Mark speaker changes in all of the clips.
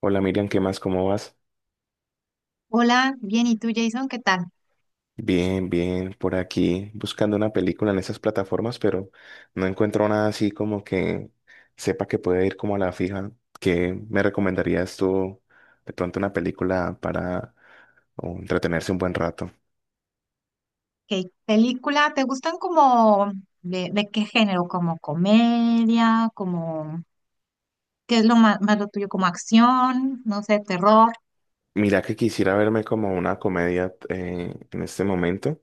Speaker 1: Hola Miriam, ¿qué más? ¿Cómo vas?
Speaker 2: Hola, bien, ¿y tú, Jason? ¿Qué tal?
Speaker 1: Bien, bien, por aquí buscando una película en esas plataformas, pero no encuentro nada así como que sepa que puede ir como a la fija. ¿Qué me recomendarías tú de pronto una película para entretenerse un buen rato?
Speaker 2: ¿Qué película? ¿Te gustan como de qué género? ¿Como comedia? ¿Como qué es lo más, lo tuyo? ¿Como acción? No sé, terror.
Speaker 1: Mira que quisiera verme como una comedia en este momento,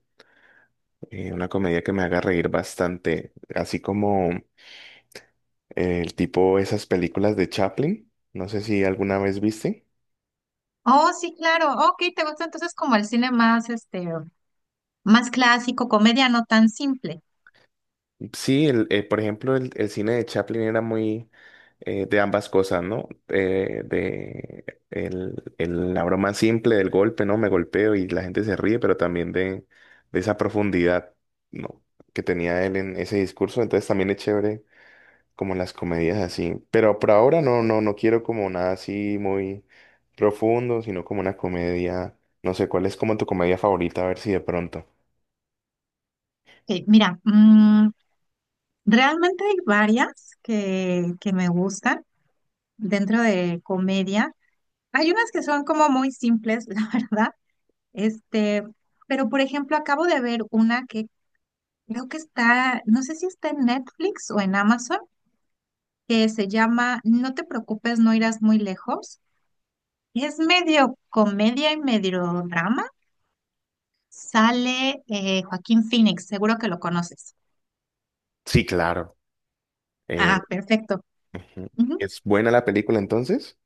Speaker 1: una comedia que me haga reír bastante, así como el tipo esas películas de Chaplin, no sé si alguna vez viste.
Speaker 2: Oh, sí, claro. Ok, ¿te gusta entonces como el cine más más clásico, comedia no tan simple?
Speaker 1: Sí, por ejemplo, el cine de Chaplin era muy de ambas cosas, ¿no? La broma simple del golpe, ¿no? Me golpeo y la gente se ríe, pero también de esa profundidad, ¿no? que tenía él en ese discurso. Entonces también es chévere como las comedias así. Pero por ahora no quiero como nada así muy profundo, sino como una comedia. No sé, ¿cuál es como tu comedia favorita? A ver si de pronto.
Speaker 2: Ok, mira, realmente hay varias que me gustan dentro de comedia. Hay unas que son como muy simples, la verdad. Este, pero por ejemplo, acabo de ver una que creo que está, no sé si está en Netflix o en Amazon, que se llama No te preocupes, no irás muy lejos. Es medio comedia y medio drama. Sale Joaquín Phoenix, seguro que lo conoces.
Speaker 1: Sí, claro.
Speaker 2: Ah, perfecto.
Speaker 1: Ujú.
Speaker 2: Ujú.
Speaker 1: ¿Es buena la película entonces?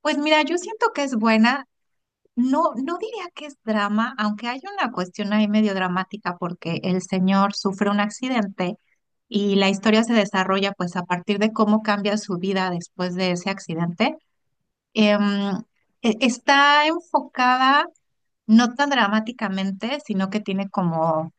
Speaker 2: Pues mira, yo siento que es buena. No, no diría que es drama, aunque hay una cuestión ahí medio dramática porque el señor sufre un accidente y la historia se desarrolla pues a partir de cómo cambia su vida después de ese accidente. Em, Está enfocada no tan dramáticamente, sino que tiene como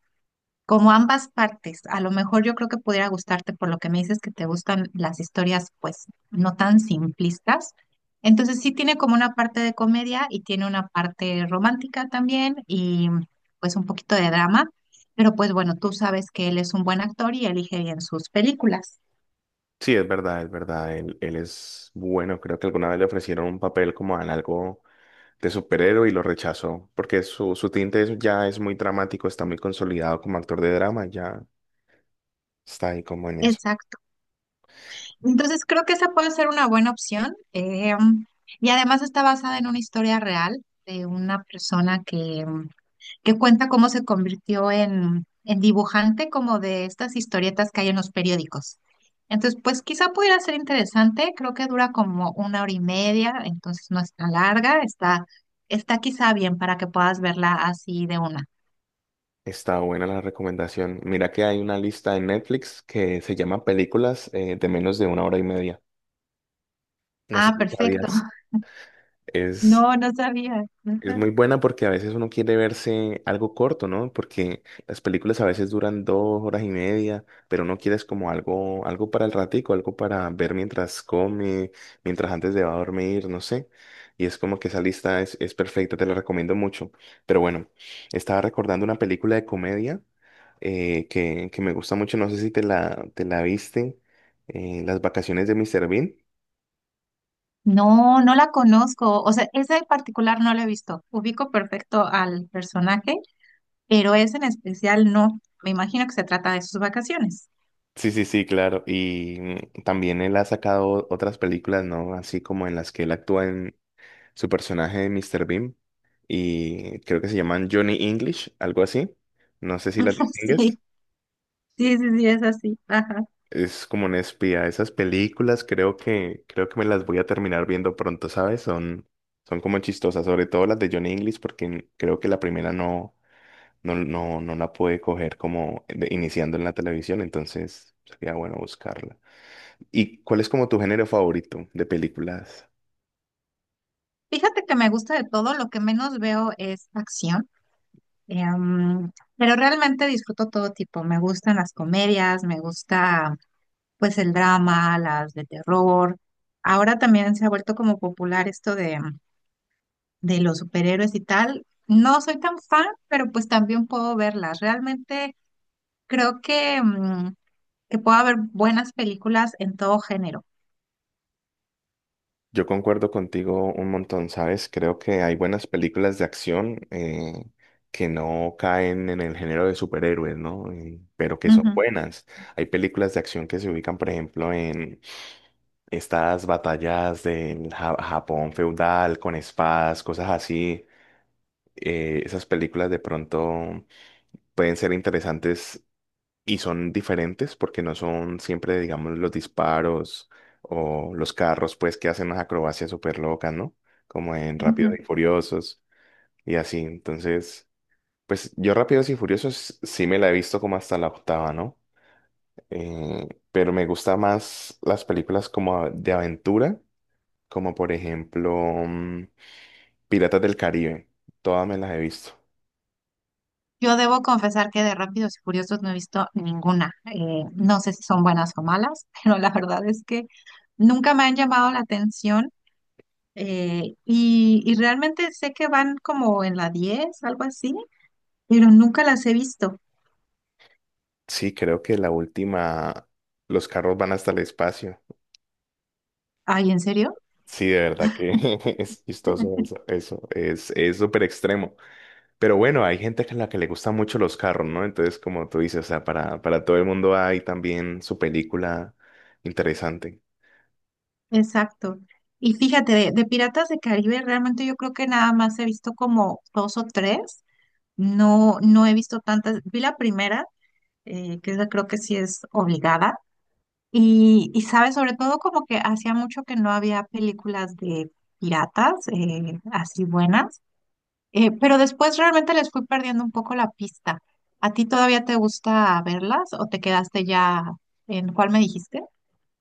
Speaker 2: como ambas partes, a lo mejor yo creo que pudiera gustarte por lo que me dices que te gustan las historias pues no tan simplistas. Entonces sí tiene como una parte de comedia y tiene una parte romántica también y pues un poquito de drama, pero pues bueno, tú sabes que él es un buen actor y elige bien sus películas.
Speaker 1: Sí, es verdad, es verdad. Él es bueno. Creo que alguna vez le ofrecieron un papel como en algo de superhéroe y lo rechazó, porque su tinte es- ya es muy dramático, está muy consolidado como actor de drama, ya está ahí como en eso.
Speaker 2: Exacto. Entonces creo que esa puede ser una buena opción. Y además está basada en una historia real de una persona que cuenta cómo se convirtió en dibujante como de estas historietas que hay en los periódicos. Entonces, pues quizá pudiera ser interesante, creo que dura como una hora y media, entonces no es tan larga, está, está quizá bien para que puedas verla así de una.
Speaker 1: Está buena la recomendación. Mira que hay una lista en Netflix que se llama Películas de menos de una hora y media. No sé
Speaker 2: Ah,
Speaker 1: si
Speaker 2: perfecto.
Speaker 1: sabías. Es
Speaker 2: No, no sabía.
Speaker 1: Es muy
Speaker 2: Ujú.
Speaker 1: buena porque a veces uno quiere verse algo corto, ¿no? Porque las películas a veces duran dos horas y media, pero uno quiere es como algo, algo para el ratico, algo para ver mientras come, mientras antes de va a dormir, no sé. Y es como que esa lista es perfecta, te la recomiendo mucho. Pero bueno, estaba recordando una película de comedia que me gusta mucho, no sé si te la, te la viste, Las vacaciones de Mr. Bean.
Speaker 2: No, no la conozco. O sea, esa en particular no la he visto. Ubico perfecto al personaje, pero esa en especial no. Me imagino que se trata de sus vacaciones.
Speaker 1: Sí, sí, sí, claro. Y también él ha sacado otras películas, ¿no? Así como en las que él actúa en su personaje de Mr. Bean. Y creo que se llaman Johnny English, algo así. No sé si las distingues.
Speaker 2: Sí. Sí, sí, sí, es así. Ajá.
Speaker 1: Es como un espía. Esas películas creo que me las voy a terminar viendo pronto, ¿sabes? Son, son como chistosas, sobre todo las de Johnny English, porque creo que la primera no la pude coger como de- iniciando en la televisión, entonces sería bueno buscarla. ¿Y cuál es como tu género favorito de películas?
Speaker 2: Fíjate que me gusta de todo, lo que menos veo es acción, em, pero realmente disfruto todo tipo. Me gustan las comedias, me gusta pues el drama, las de terror. Ahora también se ha vuelto como popular esto de los superhéroes y tal. No soy tan fan, pero pues también puedo verlas. Realmente creo que, que puedo haber buenas películas en todo género.
Speaker 1: Yo concuerdo contigo un montón, ¿sabes? Creo que hay buenas películas de acción que no caen en el género de superhéroes, ¿no? Pero que son
Speaker 2: Ujú,
Speaker 1: buenas. Hay películas de acción que se ubican, por ejemplo, en estas batallas de Japón feudal con espadas, cosas así. Esas películas de pronto pueden ser interesantes y son diferentes porque no son siempre, digamos, los disparos o los carros, pues, que hacen unas acrobacias súper locas, ¿no? Como en Rápidos
Speaker 2: ujú.
Speaker 1: y Furiosos y así. Entonces, pues yo Rápidos y Furiosos sí me la he visto como hasta la octava, ¿no? Pero me gusta más las películas como de aventura, como por ejemplo mm, Piratas del Caribe. Todas me las he visto.
Speaker 2: Yo debo confesar que de Rápidos y Furiosos no he visto ninguna. No sé si son buenas o malas, pero la verdad es que nunca me han llamado la atención. Y realmente sé que van como en la 10, algo así, pero nunca las he visto.
Speaker 1: Sí, creo que la última, los carros van hasta el espacio.
Speaker 2: Ay, ¿en serio?
Speaker 1: Sí, de verdad que es chistoso eso, eso es súper extremo. Pero bueno, hay gente a la que le gustan mucho los carros, ¿no? Entonces, como tú dices, o sea, para todo el mundo hay también su película interesante.
Speaker 2: Exacto. Y fíjate, de Piratas de Caribe realmente yo creo que nada más he visto como dos o tres. No, no he visto tantas. Vi la primera, que esa creo que sí es obligada. Y sabes, sobre todo como que hacía mucho que no había películas de piratas así buenas. Pero después realmente les fui perdiendo un poco la pista. ¿A ti todavía te gusta verlas o te quedaste ya en cuál me dijiste?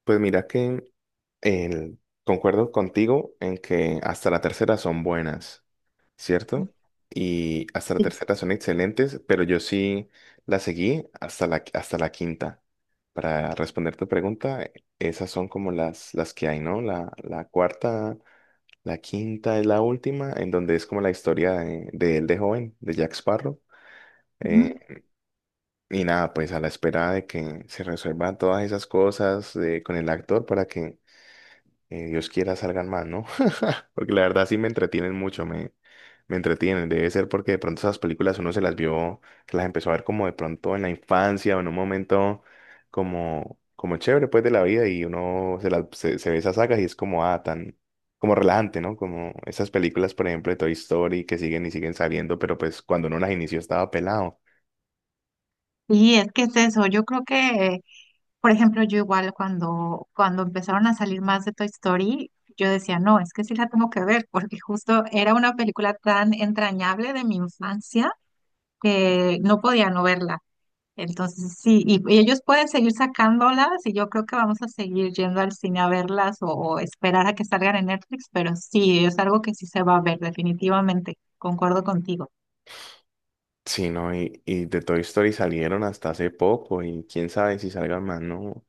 Speaker 1: Pues mira que el, concuerdo contigo en que hasta la tercera son buenas.
Speaker 2: Mm.
Speaker 1: ¿Cierto? Y hasta la
Speaker 2: Sí.
Speaker 1: tercera son excelentes, pero yo sí la seguí hasta hasta la quinta. Para responder tu pregunta, esas son como las que hay, ¿no? La cuarta, la quinta es la última, en donde es como la historia de él de joven, de Jack Sparrow.
Speaker 2: Ujú.
Speaker 1: Eh, y nada, pues a la espera de que se resuelvan todas esas cosas con el actor para que Dios quiera salgan más, ¿no? Porque la verdad sí me entretienen mucho, me entretienen. Debe ser porque de pronto esas películas uno se las vio, se las empezó a ver como de pronto en la infancia o en un momento como, como chévere pues de la vida y uno se ve esas sagas y es como, ah, tan, como relajante, ¿no? Como esas películas, por ejemplo, de Toy Story que siguen y siguen saliendo, pero pues cuando uno las inició estaba pelado.
Speaker 2: Sí, es que es eso. Yo creo que, por ejemplo, yo igual cuando empezaron a salir más de Toy Story, yo decía, no, es que sí la tengo que ver, porque justo era una película tan entrañable de mi infancia, no podía no verla. Entonces, sí, y ellos pueden seguir sacándolas y yo creo que vamos a seguir yendo al cine a verlas o esperar a que salgan en Netflix, pero sí, es algo que sí se va a ver, definitivamente, concuerdo contigo.
Speaker 1: Sí, no, y de Toy Story salieron hasta hace poco y quién sabe si salgan más, ¿no?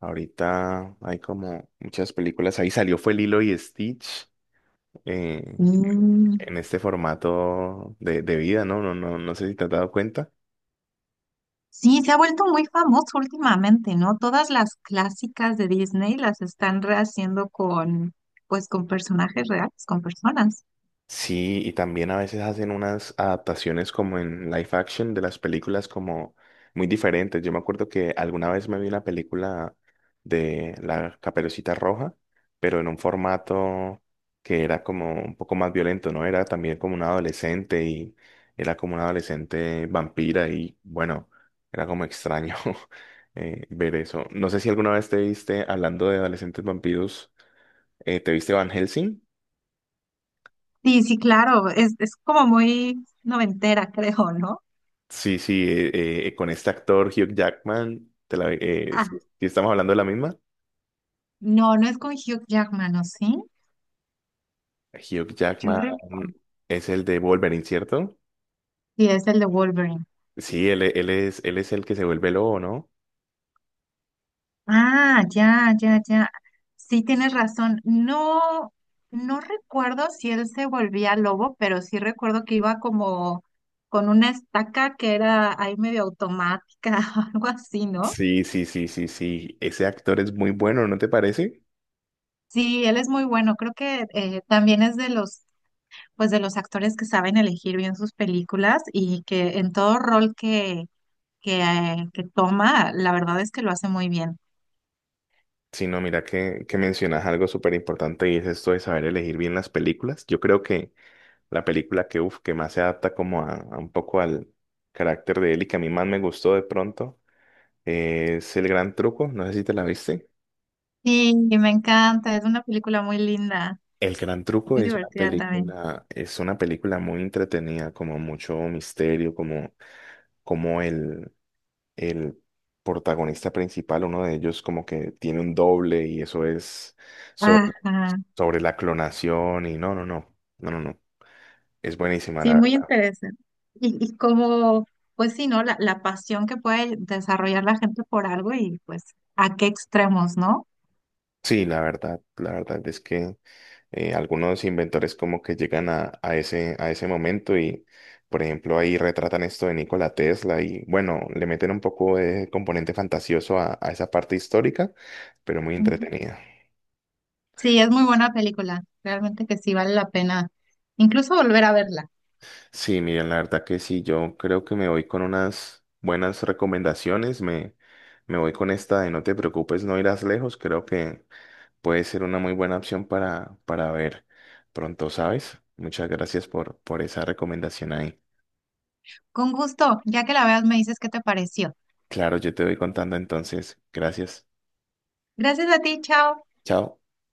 Speaker 1: Ahorita hay como muchas películas. Ahí salió fue Lilo y Stitch eh,
Speaker 2: Mm.
Speaker 1: en este formato de vida, ¿no? No sé si te has dado cuenta.
Speaker 2: Sí, se ha vuelto muy famoso últimamente, ¿no? Todas las clásicas de Disney las están rehaciendo pues con personajes reales, con personas.
Speaker 1: Sí, y también a veces hacen unas adaptaciones como en live action de las películas como muy diferentes. Yo me acuerdo que alguna vez me vi una película de La Caperucita Roja, pero en un formato que era como un poco más violento, ¿no? Era también como una adolescente y era como una adolescente vampira y bueno, era como extraño ver eso. No sé si alguna vez te viste, hablando de adolescentes vampiros, ¿te viste Van Helsing?
Speaker 2: Sí, sí, claro, es como muy noventera, creo, ¿no?
Speaker 1: Sí, sí, con este actor Hugh Jackman, si estamos hablando de la misma,
Speaker 2: No, no es con Hugh Jackman, ¿o sí?
Speaker 1: Hugh
Speaker 2: Yo
Speaker 1: Jackman
Speaker 2: re-.
Speaker 1: es el de Wolverine, ¿cierto?
Speaker 2: Sí, es el de Wolverine.
Speaker 1: Sí, él es el que se vuelve lobo, ¿no?
Speaker 2: Ah, ya, ya, ya. Sí, tienes razón. No, no recuerdo si él se volvía lobo, pero sí recuerdo que iba como con una estaca que era ahí medio automática o algo así, ¿no?
Speaker 1: Sí, ese actor es muy bueno, ¿no te parece?
Speaker 2: Sí, él es muy bueno. Creo que también es de los, de los actores que saben elegir bien sus películas y que en todo rol que toma, la verdad es que lo hace muy bien.
Speaker 1: Sí, no, mira que mencionas algo súper importante y es esto de saber elegir bien las películas. Yo creo que la película que, uf, que más se adapta como a un poco al carácter de él y que a mí más me gustó de pronto es El Gran Truco, no sé si te la viste.
Speaker 2: Sí, me encanta, es una película muy linda,
Speaker 1: El Gran Truco
Speaker 2: muy divertida también.
Speaker 1: es una película muy entretenida, como mucho misterio, como, como el, el protagonista principal, uno de ellos como que tiene un doble y eso es sobre,
Speaker 2: Ajá,
Speaker 1: sobre la clonación y no, es buenísima la
Speaker 2: sí, muy
Speaker 1: verdad.
Speaker 2: interesante. Y como, pues sí, ¿no? La pasión que puede desarrollar la gente por algo y pues a qué extremos, ¿no?
Speaker 1: Sí, la verdad es que algunos inventores como que llegan a ese momento y, por ejemplo, ahí retratan esto de Nikola Tesla y, bueno, le meten un poco de componente fantasioso a esa parte histórica, pero muy
Speaker 2: Ujú.
Speaker 1: entretenida.
Speaker 2: Sí, es muy buena película, realmente que sí vale la pena incluso volver a verla.
Speaker 1: Sí, miren, la verdad que sí, yo creo que me voy con unas buenas recomendaciones, me voy con esta de No te preocupes, no irás lejos, creo que puede ser una muy buena opción para ver pronto, ¿sabes? Muchas gracias por esa recomendación ahí.
Speaker 2: Con gusto, ya que la veas me dices qué te pareció.
Speaker 1: Claro, yo te voy contando entonces. Gracias.
Speaker 2: Gracias a ti, chao.
Speaker 1: Chao.